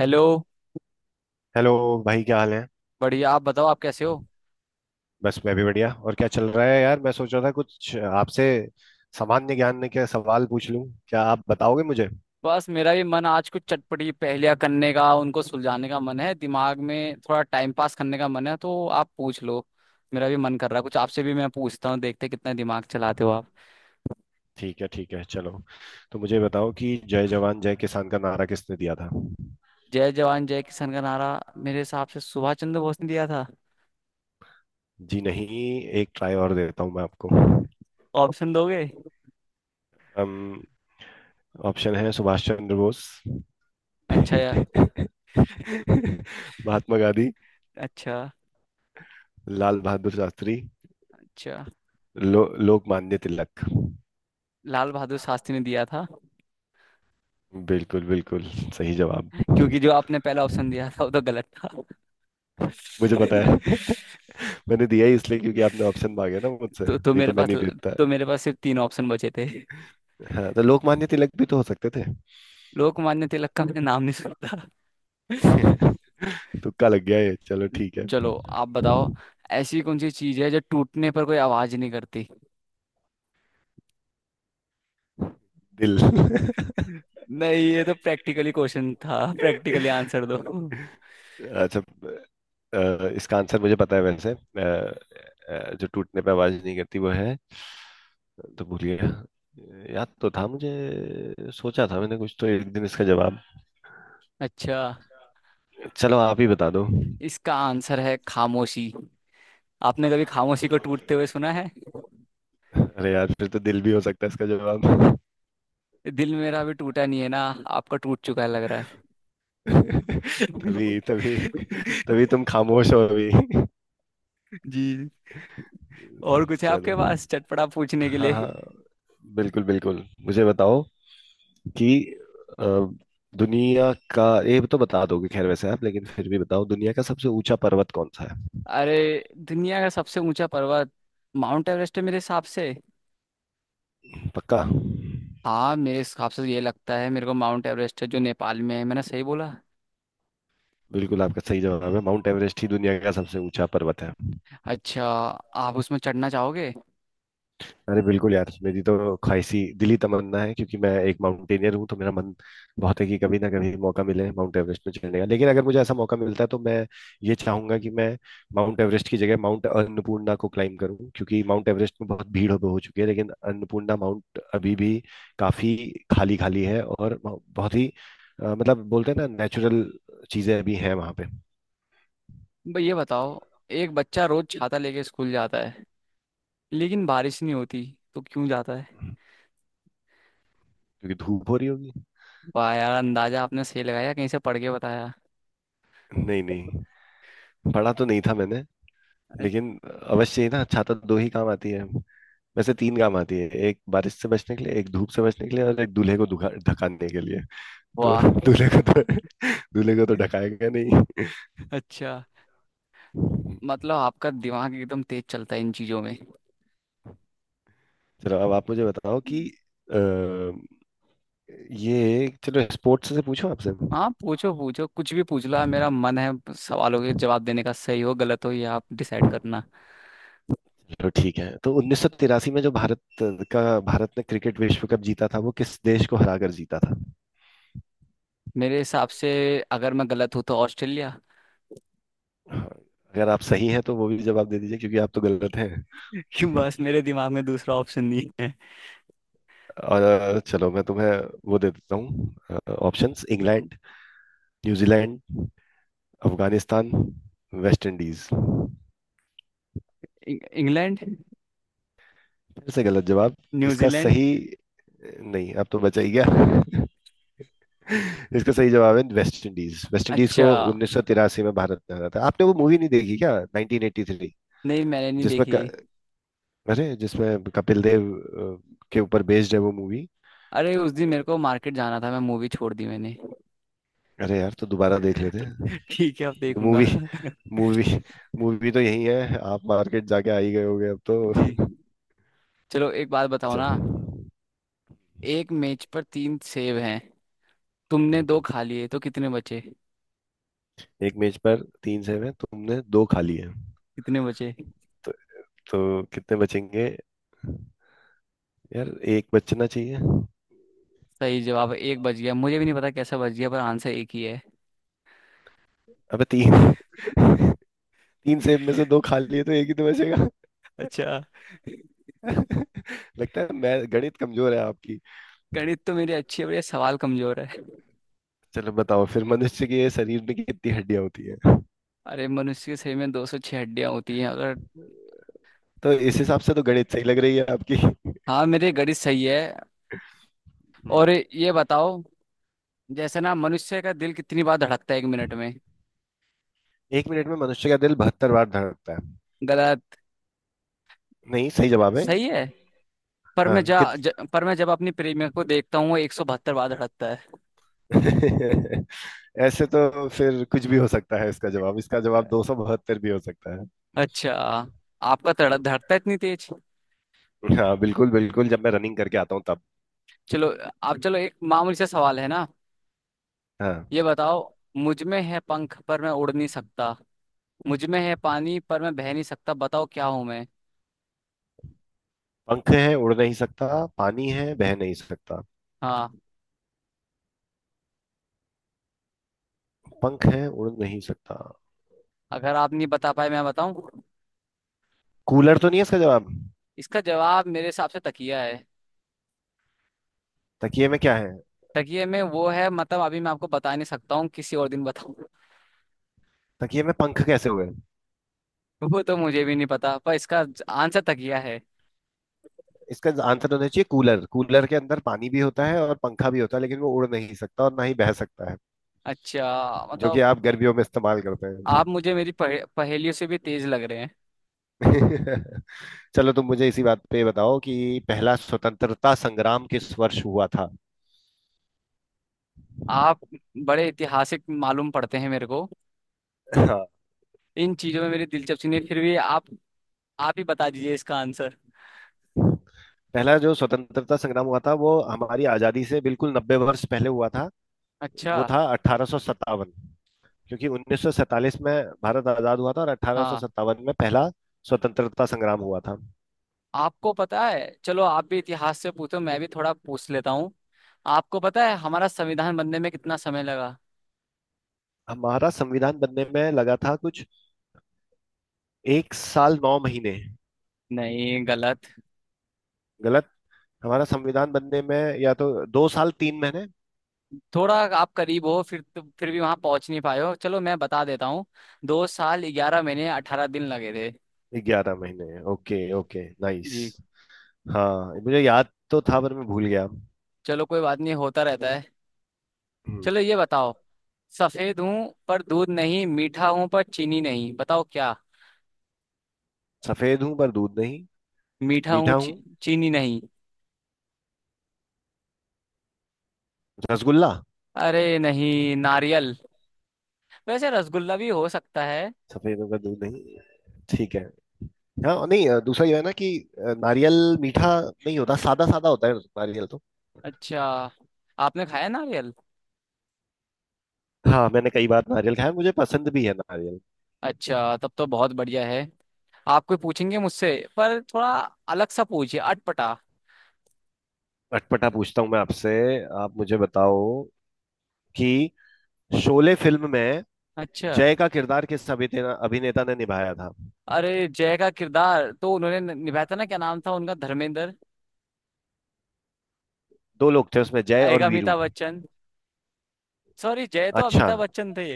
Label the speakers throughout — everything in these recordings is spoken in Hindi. Speaker 1: हेलो।
Speaker 2: हेलो। भाई क्या हाल है।
Speaker 1: बढ़िया आप बताओ आप कैसे हो।
Speaker 2: बस मैं भी बढ़िया। और क्या चल रहा है यार? मैं सोच रहा था कुछ आपसे सामान्य ज्ञान के सवाल पूछ लूं, क्या आप बताओगे मुझे?
Speaker 1: बस मेरा भी मन आज कुछ चटपटी पहेलियां करने का उनको सुलझाने का मन है, दिमाग में थोड़ा टाइम पास करने का मन है, तो आप पूछ लो। मेरा भी मन कर रहा है कुछ आपसे भी मैं पूछता हूँ, देखते हैं कितना दिमाग चलाते हो आप।
Speaker 2: ठीक है ठीक है, चलो। तो मुझे बताओ कि जय जवान जय किसान का नारा किसने दिया था?
Speaker 1: जय जवान जय किसान का नारा। मेरे हिसाब से सुभाष चंद्र बोस ने दिया था।
Speaker 2: जी नहीं। एक ट्राई और देता हूं मैं आपको।
Speaker 1: ऑप्शन दोगे?
Speaker 2: अम, ऑप्शन है सुभाष चंद्र बोस,
Speaker 1: अच्छा यार।
Speaker 2: महात्मा गांधी,
Speaker 1: अच्छा।
Speaker 2: लाल बहादुर शास्त्री,
Speaker 1: अच्छा।
Speaker 2: लोकमान्य तिलक।
Speaker 1: लाल बहादुर शास्त्री ने दिया था।
Speaker 2: बिल्कुल बिल्कुल, सही जवाब।
Speaker 1: क्योंकि जो आपने पहला ऑप्शन दिया था वो तो गलत था।
Speaker 2: मुझे पता है। मैंने दिया ही इसलिए क्योंकि आपने ऑप्शन मांगे ना मुझसे,
Speaker 1: तो तो
Speaker 2: नहीं
Speaker 1: मेरे
Speaker 2: तो मैं
Speaker 1: पास
Speaker 2: नहीं देता।
Speaker 1: तो मेरे पास सिर्फ तीन ऑप्शन बचे थे।
Speaker 2: हाँ, तो लोकमान्य तिलक भी तो हो सकते थे।
Speaker 1: लोकमान्य तिलक का मैंने नाम नहीं सुना।
Speaker 2: तुक्का लग गया ये, चलो ठीक है।
Speaker 1: चलो आप बताओ। ऐसी कौन सी चीज है जो टूटने पर कोई आवाज नहीं करती?
Speaker 2: दिल।
Speaker 1: नहीं, ये तो प्रैक्टिकली क्वेश्चन था, प्रैक्टिकली आंसर दो।
Speaker 2: अच्छा। इसका आंसर मुझे पता है वैसे। जो टूटने पे आवाज नहीं करती वो है, तो भूलिए। याद तो था मुझे, सोचा था मैंने कुछ तो एक दिन इसका जवाब।
Speaker 1: अच्छा।
Speaker 2: चलो आप ही बता दो।
Speaker 1: इसका आंसर है खामोशी। आपने कभी खामोशी को टूटते हुए सुना है?
Speaker 2: अरे यार, फिर तो दिल भी हो सकता है इसका जवाब।
Speaker 1: दिल मेरा अभी टूटा नहीं है ना। आपका टूट चुका है लग रहा है।
Speaker 2: तभी तभी, तभी तुम खामोश हो अभी।
Speaker 1: जी। और कुछ है
Speaker 2: चलो,
Speaker 1: आपके पास चटपटा पूछने के
Speaker 2: हाँ
Speaker 1: लिए?
Speaker 2: हाँ, बिल्कुल बिल्कुल मुझे बताओ कि अ, दुनिया का, ये तो बता दोगे खैर वैसे आप, लेकिन फिर भी बताओ, दुनिया का सबसे ऊंचा पर्वत कौन सा है?
Speaker 1: अरे। दुनिया का सबसे ऊंचा पर्वत माउंट एवरेस्ट है मेरे हिसाब से।
Speaker 2: पक्का?
Speaker 1: हाँ, मेरे हिसाब से तो ये लगता है मेरे को, माउंट एवरेस्ट है, जो नेपाल में है। मैंने सही बोला?
Speaker 2: बिल्कुल, आपका सही जवाब है, माउंट एवरेस्ट ही दुनिया का सबसे ऊंचा पर्वत है।
Speaker 1: अच्छा। आप उसमें चढ़ना चाहोगे?
Speaker 2: अरे बिल्कुल यार, मेरी तो ख्वाहिशी दिली तमन्ना है, क्योंकि मैं एक माउंटेनियर हूँ, तो मेरा मन बहुत है कि कभी ना कभी मौका मिले माउंट एवरेस्ट में चढ़ने का। लेकिन अगर मुझे ऐसा मौका मिलता है तो मैं ये चाहूंगा कि मैं माउंट एवरेस्ट की जगह माउंट अन्नपूर्णा को क्लाइम करूँ, क्योंकि माउंट एवरेस्ट में बहुत भीड़ हो चुकी है, लेकिन अन्नपूर्णा माउंट अभी भी काफी खाली खाली है और बहुत ही मतलब बोलते हैं ना, नेचुरल चीजें अभी हैं वहां पे।
Speaker 1: भाई ये बताओ, एक बच्चा रोज छाता लेके स्कूल जाता है, लेकिन बारिश नहीं होती, तो क्यों जाता है?
Speaker 2: क्योंकि धूप हो रही होगी।
Speaker 1: वाह यार, अंदाजा आपने सही लगाया, कहीं से पढ़ के बताया?
Speaker 2: नहीं नहीं, पढ़ा तो नहीं था मैंने, लेकिन अवश्य ही ना, छाता दो ही काम आती है। वैसे तीन काम आती है, एक बारिश से बचने के लिए, एक धूप से बचने के लिए, और एक दूल्हे को दुखा ढकाने के लिए। तो
Speaker 1: वाह।
Speaker 2: दूल्हे को तो दूल्हे को तो ढकाएगा नहीं।
Speaker 1: अच्छा, मतलब आपका दिमाग एकदम तेज चलता है इन चीजों में।
Speaker 2: चलो, अब आप मुझे बताओ कि अ, ये चलो, स्पोर्ट्स से पूछो आपसे।
Speaker 1: हाँ पूछो पूछो, कुछ भी पूछ लो आप, मेरा मन है सवालों के जवाब देने का, सही हो गलत हो ये आप डिसाइड करना।
Speaker 2: चलो ठीक है। तो 1983 में जो भारत का, भारत ने क्रिकेट विश्व कप जीता था, वो किस देश को हरा कर जीता था?
Speaker 1: मेरे हिसाब से, अगर मैं गलत हूँ, तो ऑस्ट्रेलिया।
Speaker 2: हाँ, अगर आप सही हैं तो वो भी जवाब दे दीजिए, क्योंकि आप तो गलत हैं।
Speaker 1: कि बस मेरे दिमाग में दूसरा ऑप्शन नहीं है।
Speaker 2: और चलो, मैं तुम्हें वो दे देता हूँ options. England, New Zealand, Afghanistan, West Indies.
Speaker 1: England.
Speaker 2: फिर से गलत जवाब। इसका
Speaker 1: न्यूजीलैंड।
Speaker 2: सही, नहीं अब तो बचा ही गया। इसका सही जवाब है वेस्ट इंडीज। वेस्ट इंडीज को
Speaker 1: अच्छा।
Speaker 2: 1983 में भारत में आना था। आपने वो मूवी नहीं देखी क्या, 1983?
Speaker 1: नहीं, मैंने नहीं
Speaker 2: जिसमें क...
Speaker 1: देखी।
Speaker 2: अरे, जिसमें कपिल देव के ऊपर बेस्ड है वो मूवी।
Speaker 1: अरे उस दिन मेरे को मार्केट जाना था, मैं मूवी छोड़ दी मैंने।
Speaker 2: अरे यार, तो दोबारा देख लेते हैं।
Speaker 1: ठीक है, अब देखूंगा।
Speaker 2: मूवी मूवी मूवी तो यही है, आप मार्केट जाके आ ही गए होगे अब
Speaker 1: जी।
Speaker 2: तो।
Speaker 1: चलो एक बात बताओ
Speaker 2: अच्छा।
Speaker 1: ना।
Speaker 2: हम्म।
Speaker 1: एक मेज पर तीन सेब हैं, तुमने दो खा लिए, तो कितने बचे?
Speaker 2: एक मेज पर तीन सेब है, तुमने दो खा लिए
Speaker 1: कितने बचे?
Speaker 2: तो कितने बचेंगे? यार एक बचना चाहिए।
Speaker 1: सही जवाब है, एक बज गया, मुझे भी नहीं पता कैसा बज गया, पर आंसर एक ही है।
Speaker 2: अबे तीन। तीन सेब में से दो खा लिए तो एक ही तो बचेगा।
Speaker 1: अच्छा।
Speaker 2: लगता है, मैं गणित कमजोर है आपकी।
Speaker 1: गणित तो मेरी अच्छी है, पर ये सवाल कमजोर है।
Speaker 2: चलो बताओ फिर, मनुष्य के शरीर में कितनी हड्डियां होती है?
Speaker 1: अरे मनुष्य के शरीर में 206 हड्डियां होती हैं, अगर।
Speaker 2: तो इस हिसाब से तो गणित सही लग रही है आपकी। हम्म।
Speaker 1: हाँ, मेरे गणित सही है। और ये बताओ, जैसे ना मनुष्य का दिल कितनी बार धड़कता है एक मिनट में?
Speaker 2: 1 मिनट में मनुष्य का दिल 72 बार धड़कता है।
Speaker 1: गलत।
Speaker 2: नहीं, सही जवाब है।
Speaker 1: सही है, पर
Speaker 2: हाँ
Speaker 1: मैं
Speaker 2: कित
Speaker 1: पर मैं जब अपनी प्रेमिका को देखता हूँ वो 172 बार धड़कता है।
Speaker 2: ऐसे तो फिर कुछ भी हो सकता है इसका जवाब। इसका जवाब 272 भी हो सकता है। हम्म।
Speaker 1: अच्छा। आपका धड़कता है इतनी तेज?
Speaker 2: हाँ बिल्कुल बिल्कुल, जब मैं रनिंग करके आता हूँ तब।
Speaker 1: चलो, आप चलो, एक मामूली सा सवाल है ना।
Speaker 2: हाँ।
Speaker 1: ये बताओ, मुझ में है पंख पर मैं उड़ नहीं सकता, मुझ में है पानी पर मैं बह नहीं सकता, बताओ क्या हूं मैं?
Speaker 2: पंख है, उड़ नहीं सकता, पानी है, बह नहीं सकता।
Speaker 1: हाँ।
Speaker 2: पंख है, उड़ नहीं सकता।
Speaker 1: अगर आप नहीं बता पाए मैं बताऊं?
Speaker 2: कूलर तो नहीं है इसका जवाब?
Speaker 1: इसका जवाब मेरे हिसाब से तकिया है।
Speaker 2: तकिए में क्या है?
Speaker 1: तकिए में वो है, मतलब अभी मैं आपको बता नहीं सकता हूँ, किसी और दिन बताऊं।
Speaker 2: तकिए में पंख कैसे हुए?
Speaker 1: वो तो मुझे भी नहीं पता, पर इसका आंसर तकिया है।
Speaker 2: इसका आंसर होना चाहिए कूलर। कूलर के अंदर पानी भी होता है और पंखा भी होता है, लेकिन वो उड़ नहीं सकता और ना ही बह सकता है,
Speaker 1: अच्छा,
Speaker 2: जो कि
Speaker 1: मतलब
Speaker 2: आप गर्मियों में इस्तेमाल करते हैं।
Speaker 1: आप मुझे मेरी पहेलियों से भी तेज लग रहे हैं।
Speaker 2: चलो, तुम मुझे इसी बात पे बताओ कि पहला स्वतंत्रता संग्राम किस वर्ष हुआ था?
Speaker 1: आप बड़े ऐतिहासिक मालूम पड़ते हैं मेरे को।
Speaker 2: हाँ,
Speaker 1: इन चीजों में मेरी दिलचस्पी नहीं, फिर भी आप ही बता दीजिए इसका आंसर।
Speaker 2: पहला जो स्वतंत्रता संग्राम हुआ था वो हमारी आजादी से बिल्कुल 90 वर्ष पहले हुआ था। वो
Speaker 1: अच्छा।
Speaker 2: था 1857, क्योंकि 1947 में भारत आजाद हुआ था, और अठारह सौ
Speaker 1: हाँ।
Speaker 2: सत्तावन में पहला स्वतंत्रता संग्राम हुआ था।
Speaker 1: आपको पता है, चलो आप भी इतिहास से पूछो, मैं भी थोड़ा पूछ लेता हूँ। आपको पता है हमारा संविधान बनने में कितना समय लगा?
Speaker 2: हमारा संविधान बनने में लगा था कुछ 1 साल 9 महीने।
Speaker 1: नहीं, गलत।
Speaker 2: गलत। हमारा संविधान बनने में या तो 2 साल 3 महीने,
Speaker 1: थोड़ा आप करीब हो, फिर तो फिर भी वहां पहुंच नहीं पाए हो, चलो मैं बता देता हूँ। 2 साल 11 महीने 18 दिन लगे थे।
Speaker 2: 11 महीने, ओके ओके नाइस।
Speaker 1: जी।
Speaker 2: हाँ, मुझे याद तो था पर मैं भूल गया।
Speaker 1: चलो कोई बात नहीं, होता रहता है।
Speaker 2: हम्म।
Speaker 1: चलो ये बताओ, सफेद हूँ पर दूध नहीं, मीठा हूँ पर चीनी नहीं, बताओ क्या?
Speaker 2: सफेद हूँ पर दूध नहीं,
Speaker 1: मीठा
Speaker 2: मीठा
Speaker 1: हूँ
Speaker 2: हूँ,
Speaker 1: चीनी नहीं।
Speaker 2: रसगुल्ला।
Speaker 1: अरे नहीं, नारियल। वैसे रसगुल्ला भी हो सकता है।
Speaker 2: सफेद हूँ पर दूध नहीं, ठीक है। हाँ नहीं, दूसरा ये है ना कि नारियल मीठा नहीं होता, सादा सादा होता है नारियल तो।
Speaker 1: अच्छा। आपने खाया नारियल?
Speaker 2: हाँ, मैंने कई बार नारियल खाया, मुझे पसंद भी है नारियल।
Speaker 1: अच्छा, तब तो बहुत बढ़िया है। आप कोई पूछेंगे मुझसे? पर थोड़ा अलग सा पूछिए, अटपटा।
Speaker 2: अटपटा पूछता हूँ मैं आपसे। आप मुझे बताओ कि शोले फिल्म में
Speaker 1: अच्छा।
Speaker 2: जय का किरदार किस अभिनेता अभिनेता ने निभाया था?
Speaker 1: अरे, जय का किरदार तो उन्होंने निभाया था ना, क्या नाम था उनका, धर्मेंद्र?
Speaker 2: दो लोग थे उसमें, जय
Speaker 1: एक
Speaker 2: और वीरू।
Speaker 1: अमिताभ बच्चन। सॉरी, जय तो
Speaker 2: अच्छा।
Speaker 1: अमिताभ बच्चन थे।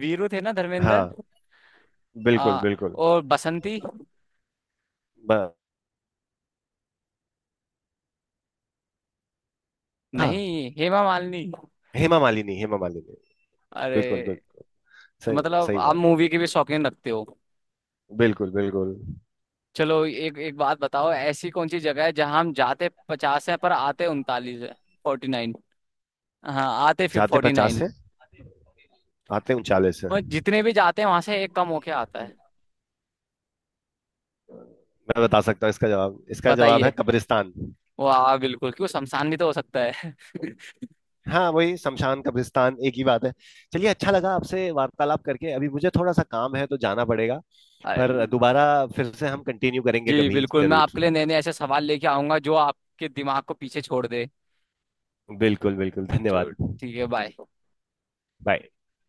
Speaker 1: वीरू थे ना धर्मेंद्र?
Speaker 2: हाँ बिल्कुल
Speaker 1: हाँ।
Speaker 2: बिल्कुल।
Speaker 1: और बसंती?
Speaker 2: ब, हाँ।
Speaker 1: नहीं, हेमा मालिनी।
Speaker 2: हेमा मालिनी, हेमा मालिनी।
Speaker 1: अरे।
Speaker 2: बिल्कुल बिल्कुल,
Speaker 1: तो
Speaker 2: सही।
Speaker 1: मतलब
Speaker 2: सही
Speaker 1: आप
Speaker 2: बात है,
Speaker 1: मूवी के भी शौकीन रखते हो।
Speaker 2: बिल्कुल बिल्कुल।
Speaker 1: चलो, एक एक बात बताओ, ऐसी कौन सी जगह है जहां हम जाते 50 है पर आते 39 है। 49। हाँ, आते फिर
Speaker 2: जाते
Speaker 1: फोर्टी
Speaker 2: 50
Speaker 1: नाइन
Speaker 2: से, आते 39 से।
Speaker 1: वो जितने भी जाते हैं वहां से एक कम होके आता है।
Speaker 2: मैं बता सकता हूँ इसका जवाब, इसका जवाब है
Speaker 1: बताइए।
Speaker 2: कब्रिस्तान।
Speaker 1: वाह बिल्कुल, क्यों, शमशान भी तो हो सकता है।
Speaker 2: हाँ वही, शमशान कब्रिस्तान एक ही बात है। चलिए, अच्छा लगा आपसे वार्तालाप करके, अभी मुझे थोड़ा सा काम है तो जाना पड़ेगा। पर
Speaker 1: अरे।
Speaker 2: दोबारा फिर से हम कंटिन्यू करेंगे
Speaker 1: जी
Speaker 2: कभी
Speaker 1: बिल्कुल, मैं
Speaker 2: जरूर।
Speaker 1: आपके लिए नए नए ऐसे सवाल लेके आऊंगा जो आपके दिमाग को पीछे छोड़ दे।
Speaker 2: बिल्कुल बिल्कुल,
Speaker 1: चलो
Speaker 2: धन्यवाद।
Speaker 1: ठीक है, बाय।
Speaker 2: बाय।